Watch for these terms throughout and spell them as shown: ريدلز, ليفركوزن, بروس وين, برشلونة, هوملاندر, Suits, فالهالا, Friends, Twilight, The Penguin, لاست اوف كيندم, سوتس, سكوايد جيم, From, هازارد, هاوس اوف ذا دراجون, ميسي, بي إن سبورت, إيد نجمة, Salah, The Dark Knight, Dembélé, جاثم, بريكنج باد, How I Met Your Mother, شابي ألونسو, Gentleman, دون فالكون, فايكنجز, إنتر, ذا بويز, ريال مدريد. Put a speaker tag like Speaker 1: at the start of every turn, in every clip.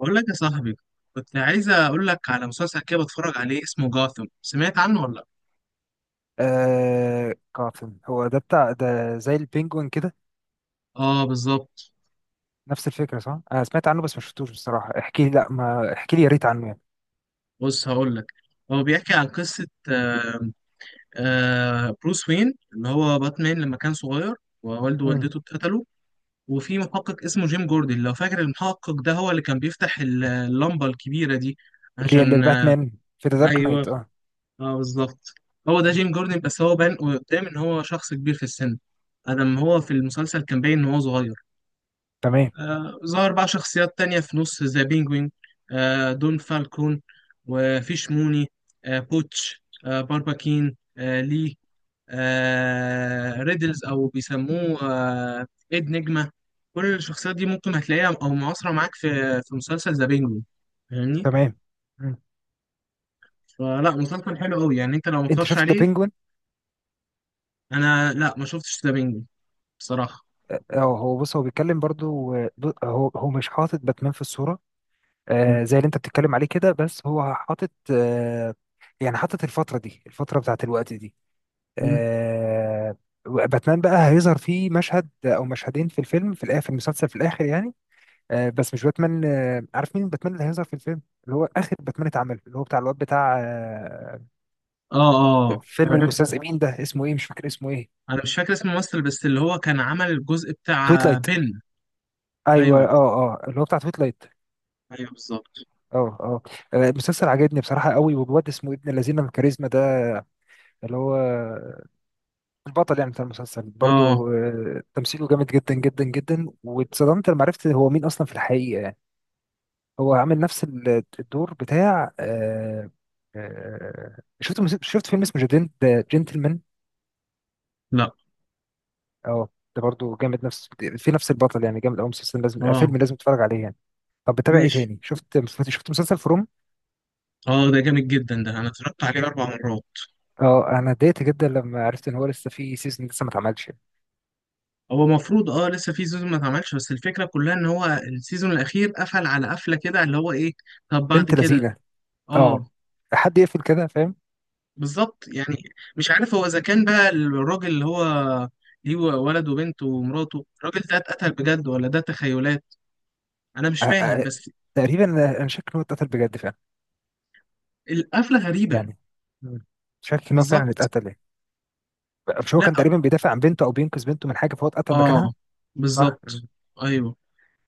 Speaker 1: بقول لك يا صاحبي، كنت عايز اقول لك على مسلسل كده بتفرج عليه اسمه جاثم، سمعت عنه ولا لا؟
Speaker 2: آه قاتل هو ده بتاع ده زي البينجوين كده.
Speaker 1: اه، بالظبط.
Speaker 2: نفس الفكرة صح؟ أنا سمعت عنه بس ما شفتوش بصراحة. احكي لي، لا ما احكي لي، يا ريت عنه يعني.
Speaker 1: بص، هقول لك. هو بيحكي عن قصة بروس وين اللي هو باتمان لما كان صغير، ووالده
Speaker 2: مم.
Speaker 1: ووالدته اتقتلوا. وفي محقق اسمه جيم جوردن، لو فاكر المحقق ده، هو اللي كان بيفتح اللمبة الكبيرة دي
Speaker 2: اللي
Speaker 1: عشان
Speaker 2: باتمان في ذا دارك
Speaker 1: ايوه،
Speaker 2: نايت اه.
Speaker 1: اه، بالظبط. هو ده
Speaker 2: مم.
Speaker 1: جيم جوردن، بس هو بان قدام ان هو شخص كبير في السن. ادم هو في المسلسل كان باين ان هو صغير.
Speaker 2: تمام.
Speaker 1: ظهر بقى شخصيات تانية في نص ذا بينجوين. دون فالكون، وفيش موني، بوتش، بارباكين، لي، ريدلز أو بيسموه إيد نجمة. كل الشخصيات دي ممكن هتلاقيها أو معاصرة معاك في مسلسل ذا بينجوين. فاهمني؟
Speaker 2: تمام. مم.
Speaker 1: فلا مسلسل حلو أوي، يعني أنت لو ما
Speaker 2: أنت
Speaker 1: اتفرجتش
Speaker 2: شفت ذا
Speaker 1: عليه.
Speaker 2: بينجوين؟
Speaker 1: أنا، لا، ما شفتش ذا بينجوين بصراحة.
Speaker 2: اه، هو بص هو بيتكلم برضو، هو مش حاطط باتمان في الصورة،
Speaker 1: م-
Speaker 2: زي اللي أنت بتتكلم عليه كده بس هو حاطط. يعني حاطط الفترة دي، الفترة بتاعت الوقت دي.
Speaker 1: م.
Speaker 2: آه، باتمان بقى هيظهر فيه مشهد او مشهدين في الفيلم في الاخر، في المسلسل في الاخر يعني. بس مش باتمان، عارف مين باتمان اللي هيظهر في الفيلم اللي هو اخر باتمان اتعمل اللي هو بتاع الواد بتاع
Speaker 1: آه. آه،
Speaker 2: فيلم
Speaker 1: عرفت.
Speaker 2: المستذئبين ده اسمه ايه، مش فاكر اسمه ايه.
Speaker 1: أنا مش فاكر اسم الممثل، بس اللي هو كان عمل الجزء
Speaker 2: تويت
Speaker 1: بتاع
Speaker 2: لايت.
Speaker 1: بن.
Speaker 2: ايوه
Speaker 1: ايوه،
Speaker 2: اه اه اللي هو بتاع تويت لايت.
Speaker 1: ايوه، بالظبط.
Speaker 2: اه اه. المسلسل عجبني بصراحه قوي، والواد اسمه ابن الذين الكاريزما ده اللي هو البطل يعني بتاع المسلسل
Speaker 1: اه،
Speaker 2: برضو، تمثيله جامد جدا جدا جدا، واتصدمت لما عرفت هو مين اصلا في الحقيقه يعني. هو عامل نفس الدور بتاع. شفت فيلم اسمه جنتلمان.
Speaker 1: لا،
Speaker 2: اه، ده برضو جامد. نفس، في نفس البطل يعني، جامد قوي مسلسل لازم،
Speaker 1: اه،
Speaker 2: فيلم لازم تتفرج عليه يعني. طب بتابع ايه
Speaker 1: ماشي.
Speaker 2: تاني؟ شفت مسلسل فروم.
Speaker 1: اه، ده جامد جدا، ده انا اتفرجت عليه 4 مرات.
Speaker 2: اه انا اتضايقت جدا لما عرفت ان هو لسه في سيزون لسه ما اتعملش.
Speaker 1: هو المفروض لسه في سيزون ما اتعملش، بس الفكره كلها ان هو السيزون الاخير قفل على قفله كده، اللي هو ايه. طب، بعد
Speaker 2: بنت
Speaker 1: كده.
Speaker 2: لذينه. اه.
Speaker 1: اه،
Speaker 2: حد يقفل كده فاهم.
Speaker 1: بالظبط يعني. مش عارف هو اذا كان بقى الراجل اللي هو ليه ولد وبنت ومراته، الراجل ده اتقتل بجد ولا ده تخيلات. انا مش
Speaker 2: آه،
Speaker 1: فاهم
Speaker 2: آه،
Speaker 1: بس.
Speaker 2: تقريبا أنا شاك ان هو اتقتل بجد فعلا
Speaker 1: القفله غريبه.
Speaker 2: يعني. مم. شاك ان هو فعلا
Speaker 1: بالظبط.
Speaker 2: اتقتل يعني. مش هو
Speaker 1: لا،
Speaker 2: كان تقريبا بيدافع عن بنته او بينقذ بنته من حاجه فهو اتقتل مكانها.
Speaker 1: اه،
Speaker 2: صح.
Speaker 1: بالظبط.
Speaker 2: مم.
Speaker 1: ايوه،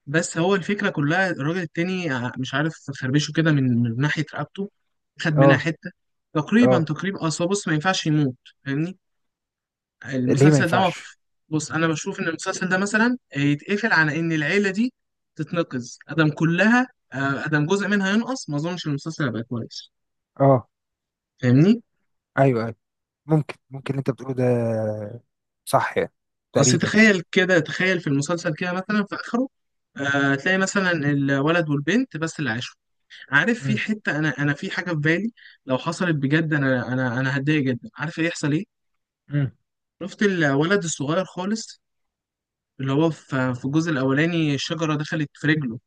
Speaker 1: بس هو الفكرة كلها، الراجل التاني مش عارف. خربشه كده من ناحية رقبته. خد منها
Speaker 2: اه
Speaker 1: حتة. تقريبا،
Speaker 2: اه.
Speaker 1: تقريبا، أصل هو، بص، ما ينفعش يموت. فاهمني؟
Speaker 2: ليه ما
Speaker 1: المسلسل ده
Speaker 2: ينفعش؟
Speaker 1: مف... بص، أنا بشوف إن المسلسل ده مثلا يتقفل على إن العيلة دي تتنقذ أدم كلها. أدم جزء منها ينقص، ما أظنش المسلسل هيبقى كويس.
Speaker 2: اه.
Speaker 1: فاهمني؟
Speaker 2: ايوه ايوه، ممكن ممكن اللي انت بتقوله ده صح يعني
Speaker 1: أصل،
Speaker 2: تقريبا.
Speaker 1: تخيل كده، تخيل في المسلسل كده مثلا في آخره. تلاقي مثلا الولد والبنت بس اللي عايشين. عارف، في
Speaker 2: مم.
Speaker 1: حته انا في حاجه في بالي. لو حصلت بجد، انا هتضايق جدا. عارف ايه يحصل؟ ايه.
Speaker 2: مم.
Speaker 1: شفت الولد الصغير خالص، اللي هو في الجزء الاولاني الشجره دخلت في رجله،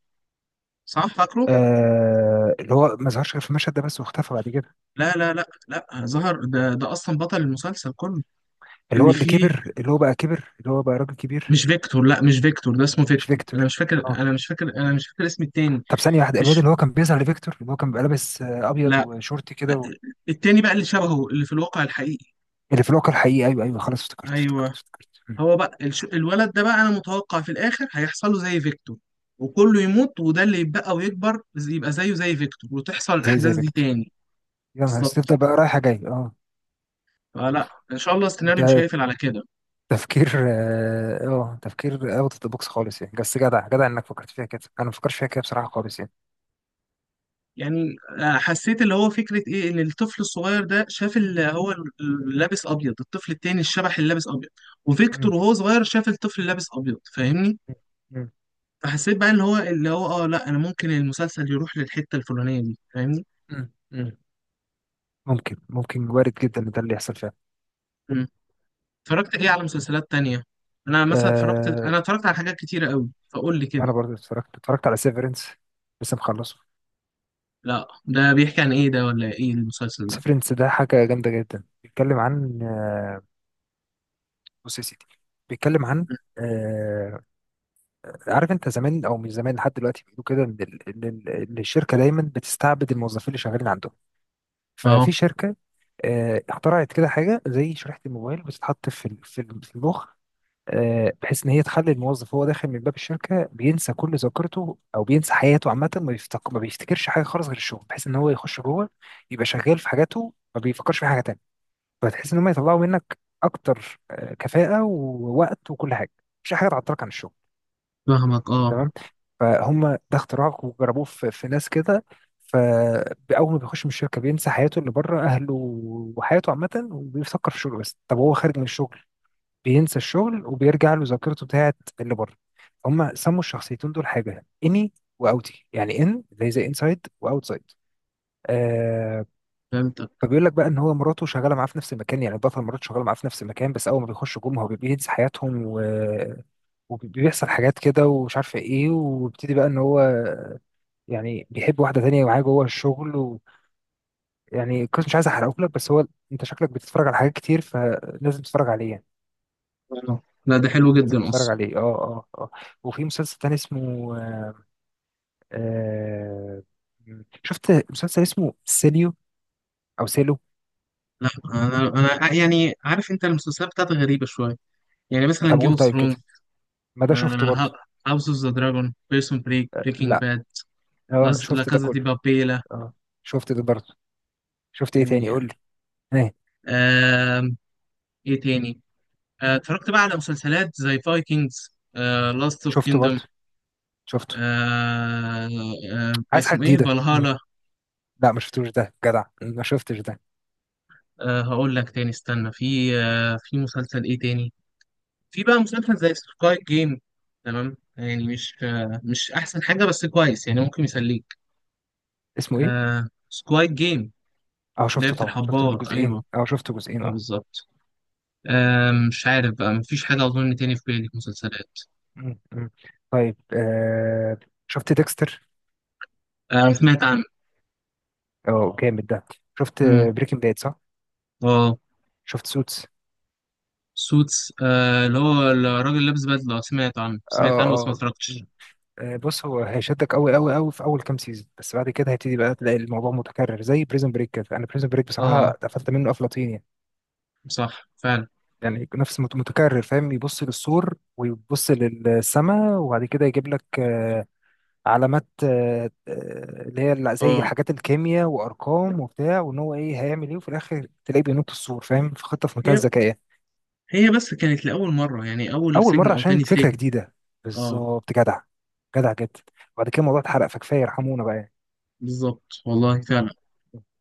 Speaker 1: صح؟ فاكره؟
Speaker 2: آه، اللي هو ما ظهرش غير في المشهد ده بس واختفى بعد كده.
Speaker 1: لا، لا، لا، لا، ظهر. ده اصلا بطل المسلسل كله
Speaker 2: اللي هو
Speaker 1: اللي
Speaker 2: اللي
Speaker 1: فيه.
Speaker 2: كبر، اللي هو بقى كبر، اللي هو بقى راجل كبير.
Speaker 1: مش فيكتور. لا، مش فيكتور، ده اسمه
Speaker 2: مش
Speaker 1: فيكتور. انا
Speaker 2: فيكتور.
Speaker 1: مش فاكر
Speaker 2: اه.
Speaker 1: انا مش فاكر انا مش فاكر اسم التاني.
Speaker 2: طب ثانية واحدة، الواد
Speaker 1: مش،
Speaker 2: اللي هو كان بيظهر لفيكتور اللي هو كان بيبقى لابس ابيض
Speaker 1: لا،
Speaker 2: وشورت كده و...
Speaker 1: التاني بقى اللي شبهه، اللي في الواقع الحقيقي.
Speaker 2: اللي في الواقع الحقيقي ايوه ايوه خلاص افتكرت افتكرت
Speaker 1: ايوه،
Speaker 2: افتكرت. مم.
Speaker 1: هو بقى الولد ده بقى، انا متوقع في الاخر هيحصل له زي فيكتور، وكله يموت، وده اللي يتبقى ويكبر يبقى زيه زي فيكتور، وتحصل
Speaker 2: زي
Speaker 1: الاحداث دي
Speaker 2: فيكتور.
Speaker 1: تاني.
Speaker 2: يا نهار أسود،
Speaker 1: بالظبط.
Speaker 2: تفضل بقى رايحة جاي اه. اوف.
Speaker 1: فلا ان شاء الله
Speaker 2: انت.
Speaker 1: السيناريو مش هيقفل على كده.
Speaker 2: تفكير اه آه، تفكير اوت اوف ذا بوكس خالص يعني، بس جدع جدع انك فكرت فيها كده، انا ما فكرتش فيها كده بصراحه خالص يعني.
Speaker 1: يعني حسيت اللي هو فكره ايه، ان الطفل الصغير ده شاف اللي هو لابس ابيض، الطفل التاني، الشبح اللي لابس ابيض.
Speaker 2: مم.
Speaker 1: وفيكتور وهو صغير شاف الطفل اللي لابس ابيض. فاهمني؟
Speaker 2: مم.
Speaker 1: فحسيت بقى ان هو، اللي هو، لا انا ممكن المسلسل يروح للحته الفلانيه دي. فاهمني؟
Speaker 2: مم. مم. ممكن ممكن وارد جدا ان ده اللي يحصل فعلا.
Speaker 1: اتفرجت ايه على مسلسلات تانية؟ انا مثلا اتفرجت
Speaker 2: أه.
Speaker 1: انا اتفرجت على حاجات كتيرة قوي، فقول لي كده.
Speaker 2: انا برضه اتفرجت على سيفرنس، لسه مخلصه.
Speaker 1: لا، ده بيحكي عن ايه ده؟ ولا ايه المسلسل ده؟
Speaker 2: سيفرنس ده حاجه جامده جدا، بيتكلم عن. آه، بص يا سيدي، بيتكلم عن، آه، عارف انت زمان او مش زمان لحد دلوقتي بيقولوا كده ان ال- إن ال- إن الشركه دايما بتستعبد الموظفين اللي شغالين عندهم. ففي
Speaker 1: اه،
Speaker 2: شركه اخترعت كده حاجه زي شريحه الموبايل بتتحط في المخ، بحيث ان هي تخلي الموظف وهو داخل من باب الشركه بينسى كل ذاكرته او بينسى حياته عامه، ما بيفتكرش حاجه خالص غير الشغل، بحيث ان هو يخش جوه يبقى شغال في حاجاته ما بيفكرش في حاجه تانيه. فتحس ان هم يطلعوا منك اكتر كفاءه ووقت وكل حاجه، مش حاجه تعطلك عن الشغل.
Speaker 1: فاهمك. اه،
Speaker 2: فهم ده اختراع وجربوه في ناس كده. فأول ما بيخش من الشركة بينسى حياته اللي بره، أهله وحياته عامة، وبيفكر في الشغل بس. طب هو خارج من الشغل بينسى الشغل وبيرجع له ذاكرته بتاعت اللي بره. هم سموا الشخصيتين دول حاجة إني وأوتي، يعني إن اللي هي زي إنسايد وأوتسايد. آه.
Speaker 1: فهمتك.
Speaker 2: فبيقول لك بقى ان هو مراته شغاله معاه في نفس المكان، يعني البطل مراته شغاله معاه في نفس المكان، بس اول ما بيخشوا جم هو بينسى حياتهم و... وبيحصل حاجات كده ومش عارفه ايه، وبيبتدي بقى ان هو يعني بيحب واحدة تانية ومعاه جوه الشغل. ويعني القصة مش عايز احرقه لك، بس هو انت شكلك بتتفرج على حاجات كتير فلازم تتفرج عليه يعني.
Speaker 1: اه، لا ده حلو
Speaker 2: لازم
Speaker 1: جدا
Speaker 2: تتفرج
Speaker 1: اصلا.
Speaker 2: عليه اه اه اه. وفي مسلسل تاني اسمه آه شفت مسلسل اسمه سيليو او سيلو.
Speaker 1: لا، يعني عارف انت المسلسلات بتاعتي غريبة شوية. يعني
Speaker 2: طب
Speaker 1: مثلا جيم
Speaker 2: قول.
Speaker 1: اوف
Speaker 2: طيب كده
Speaker 1: ثرونز،
Speaker 2: ما ده شفته برضه.
Speaker 1: هاوس اوف ذا دراجون، بيرسون بريك،
Speaker 2: آه
Speaker 1: بريكنج
Speaker 2: لا.
Speaker 1: باد.
Speaker 2: اه
Speaker 1: لا،
Speaker 2: شفت ده
Speaker 1: كازا دي
Speaker 2: كله.
Speaker 1: بابيلا.
Speaker 2: اه. شفت ده برضه. شفت ايه تاني
Speaker 1: يعني،
Speaker 2: قول لي؟ ايه؟
Speaker 1: آم، ايه تاني. اتفرجت بقى على مسلسلات زي فايكنجز، لاست اوف
Speaker 2: شفته
Speaker 1: كيندم.
Speaker 2: برضه. شفته.
Speaker 1: آه
Speaker 2: عايز حاجة
Speaker 1: اسمه ايه،
Speaker 2: جديدة. مم.
Speaker 1: فالهالا.
Speaker 2: لا ما شفتوش ده جدع، ما شفتش ده.
Speaker 1: هقول لك تاني، استنى، في مسلسل ايه تاني. في بقى مسلسل زي سكايب جيم. تمام، يعني مش احسن حاجة، بس كويس يعني، ممكن يسليك.
Speaker 2: اسمه ايه؟
Speaker 1: آه، سكوايد جيم.
Speaker 2: اه شفته
Speaker 1: لعبة
Speaker 2: طبعا، شفت
Speaker 1: الحبار،
Speaker 2: الجزئين
Speaker 1: ايوه.
Speaker 2: اه شفت جزئين
Speaker 1: آه،
Speaker 2: اه.
Speaker 1: بالظبط. مش عارف بقى، مفيش حاجة اظن تاني في بالي في مسلسلات.
Speaker 2: مم، مم. طيب. شفت ديكستر.
Speaker 1: آه، سمعت عنه.
Speaker 2: اه جامد ده. شفت
Speaker 1: امم.
Speaker 2: بريكنج باد صح.
Speaker 1: اه،
Speaker 2: شفت سوتس.
Speaker 1: سوتس، اللي هو الراجل اللي لابس بدلة. سمعت عنه،
Speaker 2: اه
Speaker 1: سمعت عنه، بس ما
Speaker 2: اه.
Speaker 1: اتفرجتش.
Speaker 2: مم. بص هو هيشدك قوي قوي قوي في اول كام سيزون، بس بعد كده هيبتدي بقى تلاقي الموضوع متكرر زي بريزن بريك كده. انا بريزن بريك بصراحه
Speaker 1: اه،
Speaker 2: اتقفلت منه افلاطين يعني.
Speaker 1: صح فعلا.
Speaker 2: يعني نفس متكرر فاهم. يبص للسور ويبص للسماء وبعد كده يجيب لك علامات، اللي هي زي
Speaker 1: اه،
Speaker 2: حاجات الكيمياء وارقام وبتاع، وان هو ايه هيعمل ايه، وفي الاخر تلاقيه بينط السور فاهم في خطه في منتهى
Speaker 1: هي
Speaker 2: الذكاء.
Speaker 1: هي بس كانت لأول مرة، يعني أول
Speaker 2: اول
Speaker 1: سجن
Speaker 2: مره
Speaker 1: أو
Speaker 2: عشان
Speaker 1: تاني
Speaker 2: فكره
Speaker 1: سجن.
Speaker 2: جديده.
Speaker 1: اه،
Speaker 2: بالظبط جدع. جدع جدا. وبعد كده الموضوع اتحرق، فكفايه يرحمونا بقى يعني.
Speaker 1: بالظبط، والله فعلا.
Speaker 2: آه.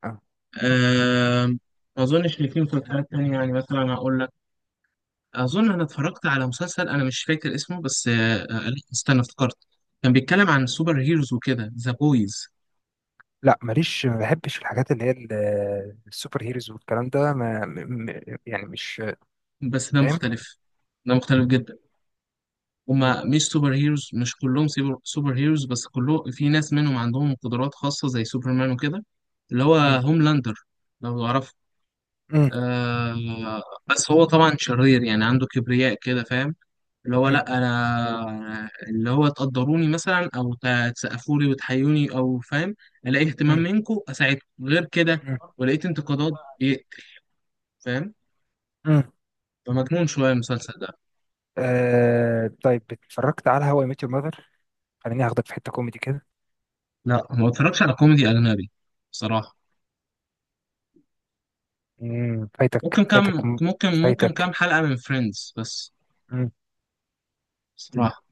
Speaker 2: آه.
Speaker 1: آم، ما أظنش إن في مسلسلات تانية، يعني مثلا أقول لك. أظن أنا اتفرجت على مسلسل أنا مش فاكر اسمه بس لا، استنى، افتكرت. كان بيتكلم عن سوبر هيروز وكده، ذا بويز.
Speaker 2: لا ماليش، ما بحبش الحاجات اللي هي السوبر هيروز والكلام ده، ما يعني مش
Speaker 1: بس ده
Speaker 2: فاهم.
Speaker 1: مختلف، ده مختلف جدا.
Speaker 2: مم.
Speaker 1: هما مش سوبر هيروز، مش كلهم سوبر هيروز، بس كله في ناس منهم عندهم قدرات خاصة زي سوبرمان وكده. اللي هو
Speaker 2: مم.
Speaker 1: هوملاندر، لو تعرفه.
Speaker 2: مم.
Speaker 1: آه، بس هو طبعا شرير، يعني عنده كبرياء كده، فاهم؟ اللي هو،
Speaker 2: مم.
Speaker 1: لا انا، اللي هو تقدروني مثلا، او تسقفوا لي وتحيوني او، فاهم؟ الاقي اهتمام
Speaker 2: مم.
Speaker 1: منكم اساعدكم، غير كده.
Speaker 2: مم.
Speaker 1: ولقيت انتقادات، بيقتل، فاهم؟
Speaker 2: مم.
Speaker 1: فمجنون شويه المسلسل ده.
Speaker 2: طيب اتفرجت على هواي ميت يور ماذر، خليني اخدك في حته كوميدي كده.
Speaker 1: لا، ما اتفرجش على كوميدي اجنبي بصراحه. ممكن
Speaker 2: فايتك فايتك
Speaker 1: كام ممكن ممكن كام
Speaker 2: فايتك.
Speaker 1: حلقه من فريندز بس،
Speaker 2: امم
Speaker 1: بصراحه.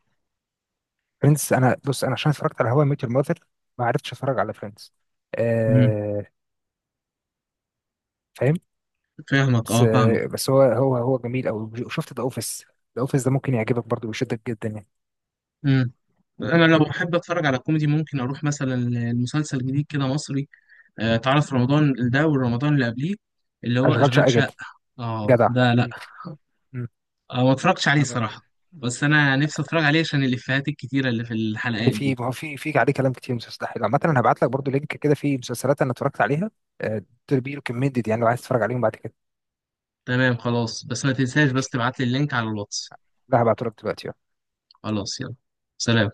Speaker 2: فريندز انا بص انا عشان اتفرجت على هواي ميت يور ماذر، ما عرفتش اتفرج على فريندز.
Speaker 1: امم.
Speaker 2: آه. فاهم.
Speaker 1: فاهمك،
Speaker 2: بس
Speaker 1: اه، فاهمك.
Speaker 2: آه بس هو جميل قوي، وشفت ذا اوفيس. ذا اوفيس ده ممكن يعجبك برضه ويشدك جدا يعني.
Speaker 1: امم. انا لو بحب اتفرج على كوميدي، ممكن اروح مثلا لمسلسل جديد كده مصري. تعرف رمضان اللي ده والرمضان اللي قبليه، اللي هو
Speaker 2: اشغال
Speaker 1: اشغال
Speaker 2: شقه جدا،
Speaker 1: شقه. اه،
Speaker 2: جدع.
Speaker 1: ده، لا.
Speaker 2: مم. مم.
Speaker 1: آه، ما اتفرجتش عليه
Speaker 2: انا برضه
Speaker 1: صراحه. بس انا نفسي اتفرج عليه عشان الافيهات الكتيره اللي في
Speaker 2: اللي
Speaker 1: الحلقات
Speaker 2: فيه،
Speaker 1: دي.
Speaker 2: ما هو في عليه كلام كتير مستحيل عامه، انا هبعت لك برضه لينك كده فيه مسلسلات انا اتفرجت عليها. آه. كمية يعني، لو عايز تتفرج عليهم بعد كده.
Speaker 1: تمام، خلاص، بس ما تنساش
Speaker 2: ماشي.
Speaker 1: بس تبعت لي اللينك على الواتس.
Speaker 2: لا هبعته لك دلوقتي يلا.
Speaker 1: خلاص، يلا. سلام.